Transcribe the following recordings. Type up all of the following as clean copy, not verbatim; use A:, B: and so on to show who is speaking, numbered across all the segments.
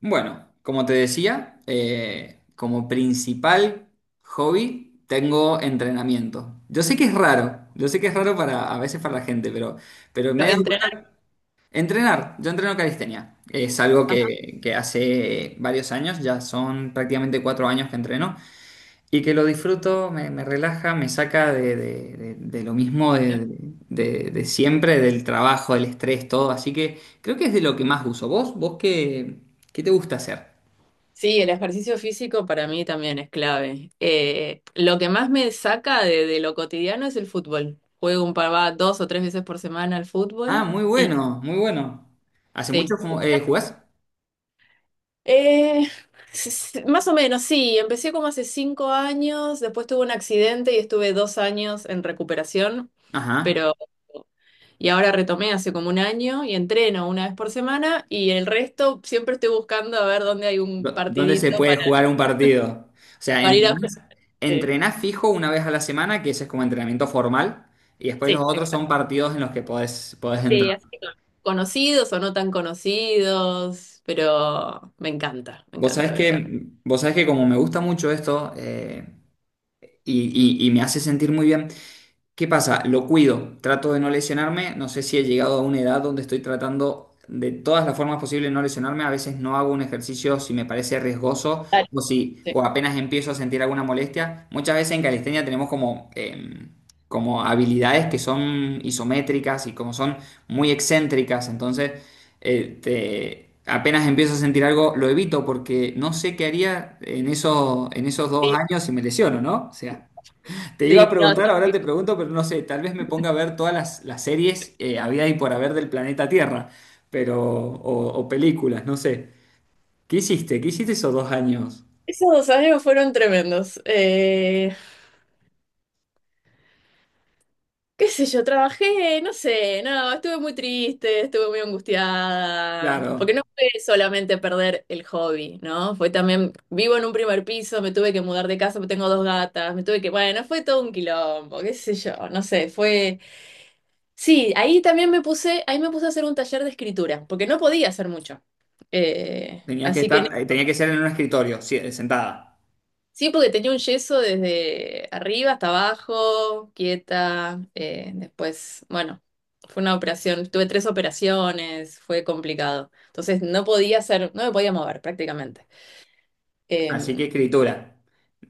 A: Bueno, como te decía, como principal hobby tengo entrenamiento. Yo sé que es raro, yo sé que es raro para a veces para la gente, pero me he dado
B: Entrenar.
A: cuenta. Entrenar, yo entreno calistenia. Es algo
B: Ajá.
A: que hace varios años, ya son prácticamente 4 años que entreno y que lo disfruto, me relaja, me saca de lo mismo de siempre, del trabajo, del estrés, todo. Así que creo que es de lo que más uso. ¿Vos qué te gusta hacer?
B: Sí, el ejercicio físico para mí también es clave. Lo que más me saca de lo cotidiano es el fútbol. Juego un par, va 2 o 3 veces por semana al
A: Ah,
B: fútbol
A: muy
B: y
A: bueno, muy bueno. ¿Hace
B: sí.
A: mucho jugás?
B: Eh, Más o menos, sí. Empecé como hace 5 años, después tuve un accidente y estuve 2 años en recuperación,
A: Ajá.
B: pero y ahora retomé hace como un año y entreno una vez por semana y el resto siempre estoy buscando a ver dónde hay un
A: ¿Dónde se
B: partidito
A: puede
B: para,
A: jugar un partido? O sea,
B: para ir a jugar.
A: entrenás fijo una vez a la semana, que ese es como entrenamiento formal, y después los
B: Sí,
A: otros son
B: exacto.
A: partidos en los que podés
B: Sí,
A: entrar.
B: así que conocidos o no tan conocidos, pero me encanta, me
A: Vos sabés
B: encanta, me
A: que,
B: encanta.
A: vos sabés que como me gusta mucho esto, y me hace sentir muy bien. ¿Qué pasa? Lo cuido, trato de no lesionarme, no sé si he llegado a una edad donde estoy tratando de todas las formas posibles no lesionarme, a veces no hago un ejercicio si me parece riesgoso
B: Dale.
A: o si
B: Sí,
A: o apenas empiezo a sentir alguna molestia. Muchas veces en calistenia tenemos como habilidades que son isométricas y como son muy excéntricas, entonces apenas empiezo a sentir algo lo evito porque no sé qué haría en esos dos
B: sí,
A: años si me lesiono, ¿no? O sea. Te iba a
B: sí. No, sí.
A: preguntar, ahora
B: Sí.
A: te pregunto, pero no sé, tal vez me ponga a ver todas las series había y por haber del planeta Tierra, o películas, no sé. ¿Qué hiciste? ¿Qué hiciste esos 2 años?
B: Esos 2 años fueron tremendos. Qué sé yo, trabajé, no sé, no, estuve muy triste, estuve muy angustiada, porque
A: Claro,
B: no fue solamente perder el hobby, ¿no? Fue también, vivo en un primer piso, me tuve que mudar de casa, tengo dos gatas, me tuve que, bueno, fue todo un quilombo, qué sé yo, no sé, fue... Sí, ahí también me puse, ahí me puse a hacer un taller de escritura, porque no podía hacer mucho. Eh, así que en-
A: tenía que ser en un escritorio, sí, sentada.
B: sí, porque tenía un yeso desde arriba hasta abajo, quieta. Después, bueno, fue una operación, tuve tres operaciones, fue complicado. Entonces no podía hacer, no me podía mover prácticamente.
A: Así que
B: Eh,
A: escritura.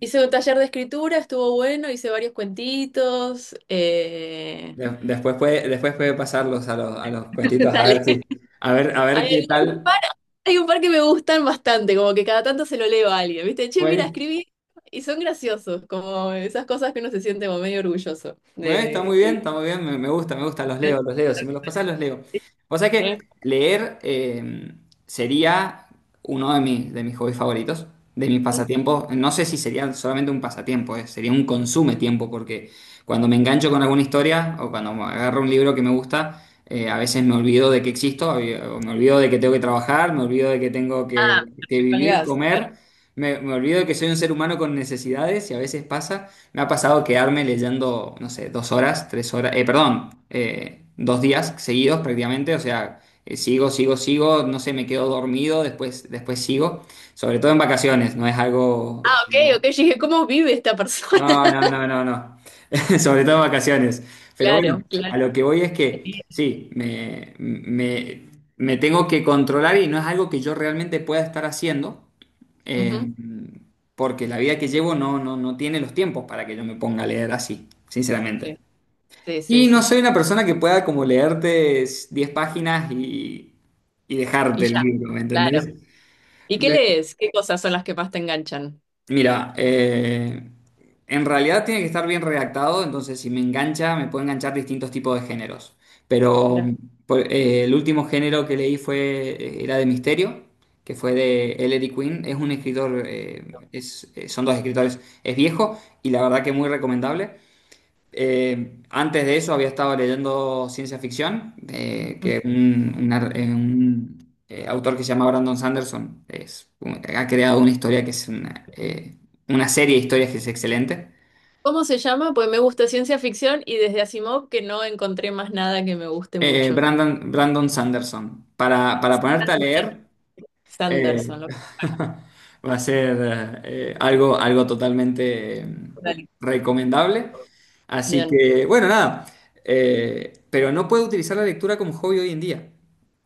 B: Hice un taller de escritura, estuvo bueno, hice varios cuentitos.
A: Después puede pasarlos a los cuentitos a ver si, a ver
B: Hay,
A: qué
B: hay un par,
A: tal
B: hay un par que me gustan bastante, como que cada tanto se lo leo a alguien, ¿viste? Che, mira,
A: fue.
B: escribí y son graciosos, como esas cosas que uno se siente como medio orgulloso de que...
A: Está muy bien, me gusta, me gusta, los leo, si me los pasás los leo. O sea que
B: ¿Eh?
A: leer, sería uno de mis hobbies favoritos, de mis pasatiempos. No sé si sería solamente un pasatiempo, sería un consume tiempo, porque cuando me engancho con alguna historia o cuando me agarro un libro que me gusta, a veces me olvido de que existo, o me olvido de que tengo que trabajar, me olvido de que tengo que,
B: Ah,
A: que
B: me
A: vivir,
B: colgás. Claro.
A: comer, me olvido de que soy un ser humano con necesidades y a veces pasa. Me ha pasado quedarme leyendo, no sé, 2 horas, 3 horas, perdón, 2 días seguidos prácticamente, o sea, sigo, sigo, sigo, no sé, me quedo dormido, después sigo, sobre todo en vacaciones, no es
B: Ah,
A: algo.
B: ok, ok, yo dije, ¿cómo vive esta persona?
A: No, no, no, no, no, sobre todo en vacaciones. Pero bueno,
B: Claro, claro.
A: a lo que voy es que sí, me tengo que controlar y no es algo que yo realmente pueda estar haciendo,
B: Ujú,
A: eh, porque la vida que llevo no tiene los tiempos para que yo me ponga a leer así,
B: sí,
A: sinceramente.
B: sí, sí,
A: Y no
B: sí.
A: soy una persona que pueda como leerte 10 páginas y
B: Y
A: dejarte el
B: ya,
A: libro, ¿me
B: claro.
A: entendés?
B: ¿Y qué
A: Me-
B: lees? ¿Qué cosas son las que más te enganchan?
A: Mira, en realidad tiene que estar bien redactado, entonces si me engancha, me puede enganchar distintos tipos de géneros. Pero
B: Mirá.
A: el último género que leí era de misterio, que fue de Ellery Queen. Es un escritor, son 2 escritores, es viejo y la verdad que muy recomendable. Antes de eso había estado leyendo ciencia ficción, que un autor que se llama Brandon Sanderson ha creado una historia que es una serie de historias que es excelente.
B: ¿Cómo se llama? Pues me gusta ciencia ficción y desde Asimov que no encontré más nada que me guste mucho.
A: Brandon Sanderson, para ponerte a leer,
B: Sanderson,
A: Eh,
B: lo voy a buscar.
A: va a ser algo totalmente recomendable. Así
B: Bien,
A: que, bueno, nada. Pero no puedo utilizar la lectura como hobby hoy en día.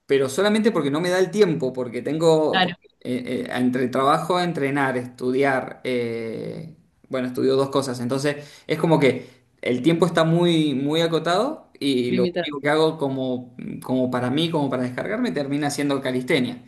A: Pero solamente porque no me da el tiempo, porque tengo,
B: claro,
A: porque, eh, eh, entre el trabajo, entrenar, estudiar, bueno, estudio 2 cosas. Entonces, es como que el tiempo está muy, muy acotado y lo
B: limitar,
A: único que hago como para mí, como para descargarme, termina siendo calistenia.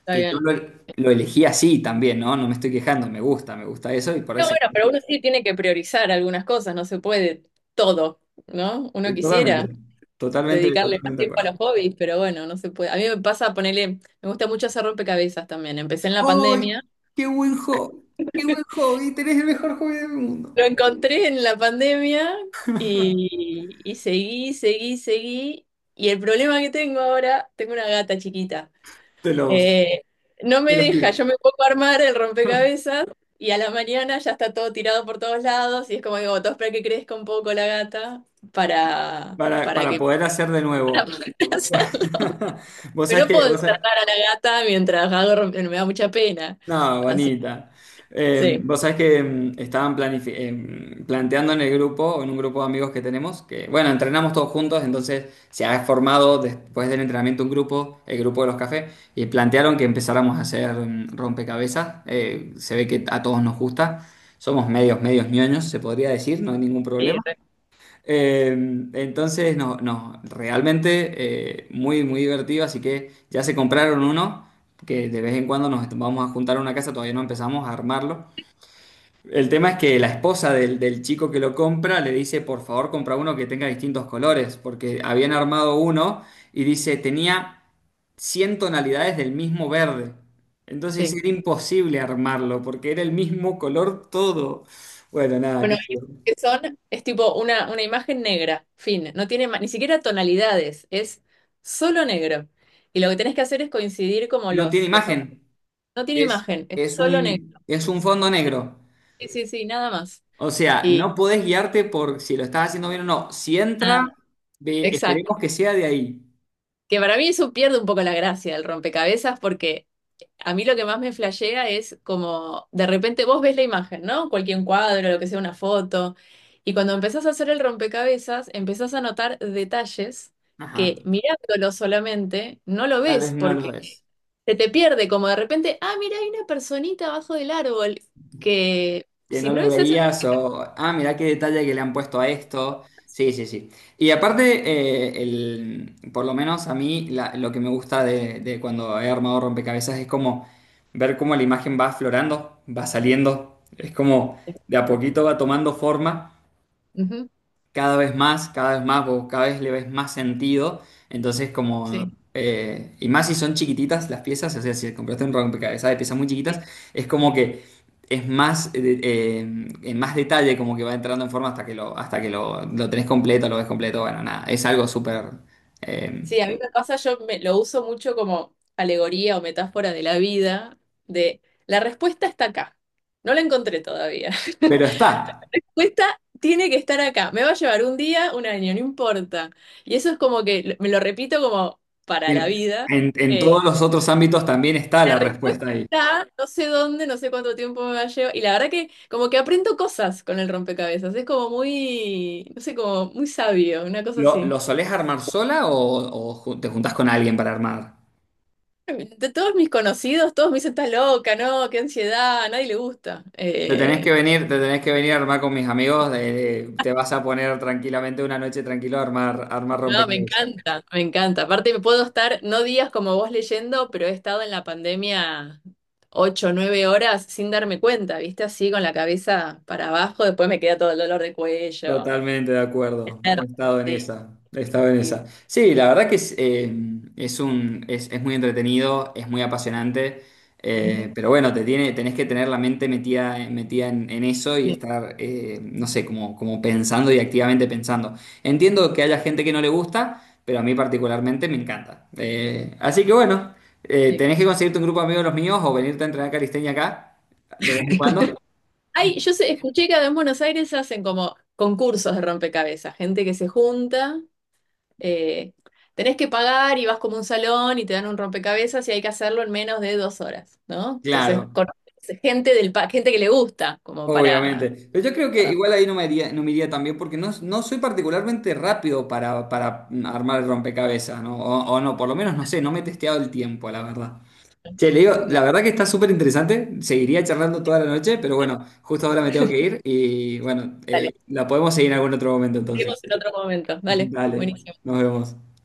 B: está
A: Que yo lo,
B: bien.
A: lo elegí así también, ¿no? No me estoy quejando, me gusta eso y por
B: Pero
A: eso.
B: bueno, pero uno sí tiene que priorizar algunas cosas, no se puede todo, ¿no? Uno quisiera
A: Totalmente, totalmente,
B: dedicarle más
A: totalmente de
B: tiempo a
A: acuerdo.
B: los hobbies, pero bueno, no se puede. A mí me pasa ponerle, me gusta mucho hacer rompecabezas también. Empecé en la
A: ¡Ay!
B: pandemia,
A: ¡Qué buen hobby! ¡Qué buen hobby! Tenés el mejor hobby del mundo.
B: lo encontré en la pandemia y seguí, seguí, seguí. Y el problema que tengo ahora, tengo una gata chiquita.
A: Te los,
B: Eh, no me
A: te los
B: deja, yo
A: tiran.
B: me pongo a armar el rompecabezas y a la mañana ya está todo tirado por todos lados y es como digo, todo espera que crezca un poco la gata para,
A: Para,
B: para
A: para
B: que...
A: poder hacer de
B: Para
A: nuevo.
B: poder hacer.
A: Vos
B: Pero
A: sabés
B: no
A: que,
B: puedo
A: vos sabés-
B: destratar a la gata mientras hago me da mucha pena.
A: No,
B: Así,
A: bonita. Eh,
B: sí.
A: vos sabés que estaban planteando en en un grupo de amigos que tenemos, que bueno, entrenamos todos juntos, entonces se ha formado después del entrenamiento un grupo, el grupo de los cafés, y plantearon que empezáramos a hacer rompecabezas. Se ve que a todos nos gusta, somos medios, medios ñoños, se podría decir, no hay ningún
B: Sí.
A: problema.
B: re-
A: Eh, entonces, no, realmente muy, muy divertido. Así que ya se compraron uno, que de vez en cuando nos vamos a juntar a una casa, todavía no empezamos a armarlo. El tema es que la esposa del chico que lo compra le dice, por favor, compra uno que tenga distintos colores, porque habían armado uno y dice, tenía 100 tonalidades del mismo verde. Entonces
B: sí.
A: era imposible armarlo, porque era el mismo color todo. Bueno, nada, qué
B: Bueno,
A: sé yo.
B: que son, es tipo una imagen negra, fin, no tiene ni siquiera tonalidades, es solo negro. Y lo que tenés que hacer es coincidir como
A: No tiene
B: los...
A: imagen.
B: No tiene
A: Es,
B: imagen, es
A: es
B: solo negro.
A: un, es un fondo negro.
B: Sí, sí, sí, nada más.
A: O sea,
B: Y
A: no podés guiarte por si lo estás haciendo bien o no. Si entra,
B: nada, exacto.
A: esperemos que sea de ahí.
B: Que para mí eso pierde un poco la gracia del rompecabezas porque a mí lo que más me flashea es como de repente vos ves la imagen, ¿no? Cualquier cuadro, lo que sea, una foto. Y cuando empezás a hacer el rompecabezas, empezás a notar detalles
A: Ajá.
B: que mirándolo solamente no lo
A: Tal vez
B: ves
A: no
B: porque
A: lo es.
B: se te pierde como de repente, ah, mira, hay una personita abajo del árbol que
A: Que
B: si
A: no
B: no
A: lo
B: es esa...
A: veías o, ah, mirá qué detalle que le han puesto a esto. Sí, sí, sí. Y aparte, por lo menos a mí, lo que me gusta de cuando he armado rompecabezas es como ver cómo la imagen va aflorando, va saliendo. Es como de a poquito va tomando forma.
B: Ujú,
A: Cada vez más, cada vez más, vos cada vez le ves más sentido. Entonces, como.
B: sí.
A: Y más si son chiquititas las piezas, o sea, si compraste un rompecabezas de piezas muy chiquitas, es como que es más, en más detalle, como que va entrando en forma hasta que lo tenés completo, lo ves completo. Bueno, nada, es algo súper. eh,
B: Sí, a mí me pasa, lo uso mucho como alegoría o metáfora de la vida, de la respuesta está acá. No la encontré todavía.
A: pero está.
B: Respuesta tiene que estar acá. Me va a llevar un día, un año, no importa. Y eso es como que me lo repito como para la
A: En,
B: vida.
A: en- en
B: Eh,
A: todos los otros ámbitos también está
B: la
A: la
B: respuesta
A: respuesta ahí.
B: está, no sé dónde, no sé cuánto tiempo me va a llevar. Y la verdad que como que aprendo cosas con el rompecabezas. Es como muy, no sé, como muy sabio, una cosa
A: ¿Lo,
B: así.
A: lo solés armar sola o te juntás con alguien para armar?
B: De todos mis conocidos, todos me dicen, estás loca, no, qué ansiedad, a nadie le gusta.
A: Te tenés que venir, te tenés que venir a armar con mis amigos, te vas a poner tranquilamente una noche tranquilo a armar,
B: No, me
A: rompecabezas.
B: encanta, me encanta. Aparte, me puedo estar, no días como vos leyendo, pero he estado en la pandemia 8 o 9 horas sin darme cuenta, ¿viste? Así con la cabeza para abajo, después me queda todo el dolor de cuello.
A: Totalmente de acuerdo, he estado en
B: Sí.
A: esa, he estado en
B: Sí.
A: esa. Sí, la verdad que es muy entretenido, es muy apasionante,
B: Ujú.
A: pero bueno, tenés que tener la mente metida, metida en eso y
B: Sí,
A: estar, no sé, como pensando y activamente pensando. Entiendo que haya gente que no le gusta, pero a mí particularmente me encanta. Así que bueno,
B: sí.
A: tenés que conseguirte un grupo de amigos de los míos o venirte a entrenar calistenia acá, de vez en cuando.
B: Ay, escuché que acá en Buenos Aires hacen como concursos de rompecabezas, gente que se junta. Eh, Tenés que pagar y vas como a un salón y te dan un rompecabezas y hay que hacerlo en menos de 2 horas, ¿no? Entonces,
A: Claro.
B: conoces gente gente que le gusta, como para.
A: Obviamente. Pero yo creo que
B: para-
A: igual ahí no me iría tan bien porque no soy particularmente rápido para armar el rompecabezas, ¿no? O no, por lo menos no sé, no me he testeado el tiempo, la verdad. Che, le digo, la
B: No,
A: verdad que está súper interesante, seguiría charlando toda la noche, pero bueno, justo ahora me tengo que ir y bueno,
B: dale,
A: la podemos seguir en algún otro momento
B: seguimos
A: entonces.
B: en otro momento. Dale,
A: Dale,
B: buenísimo.
A: nos vemos.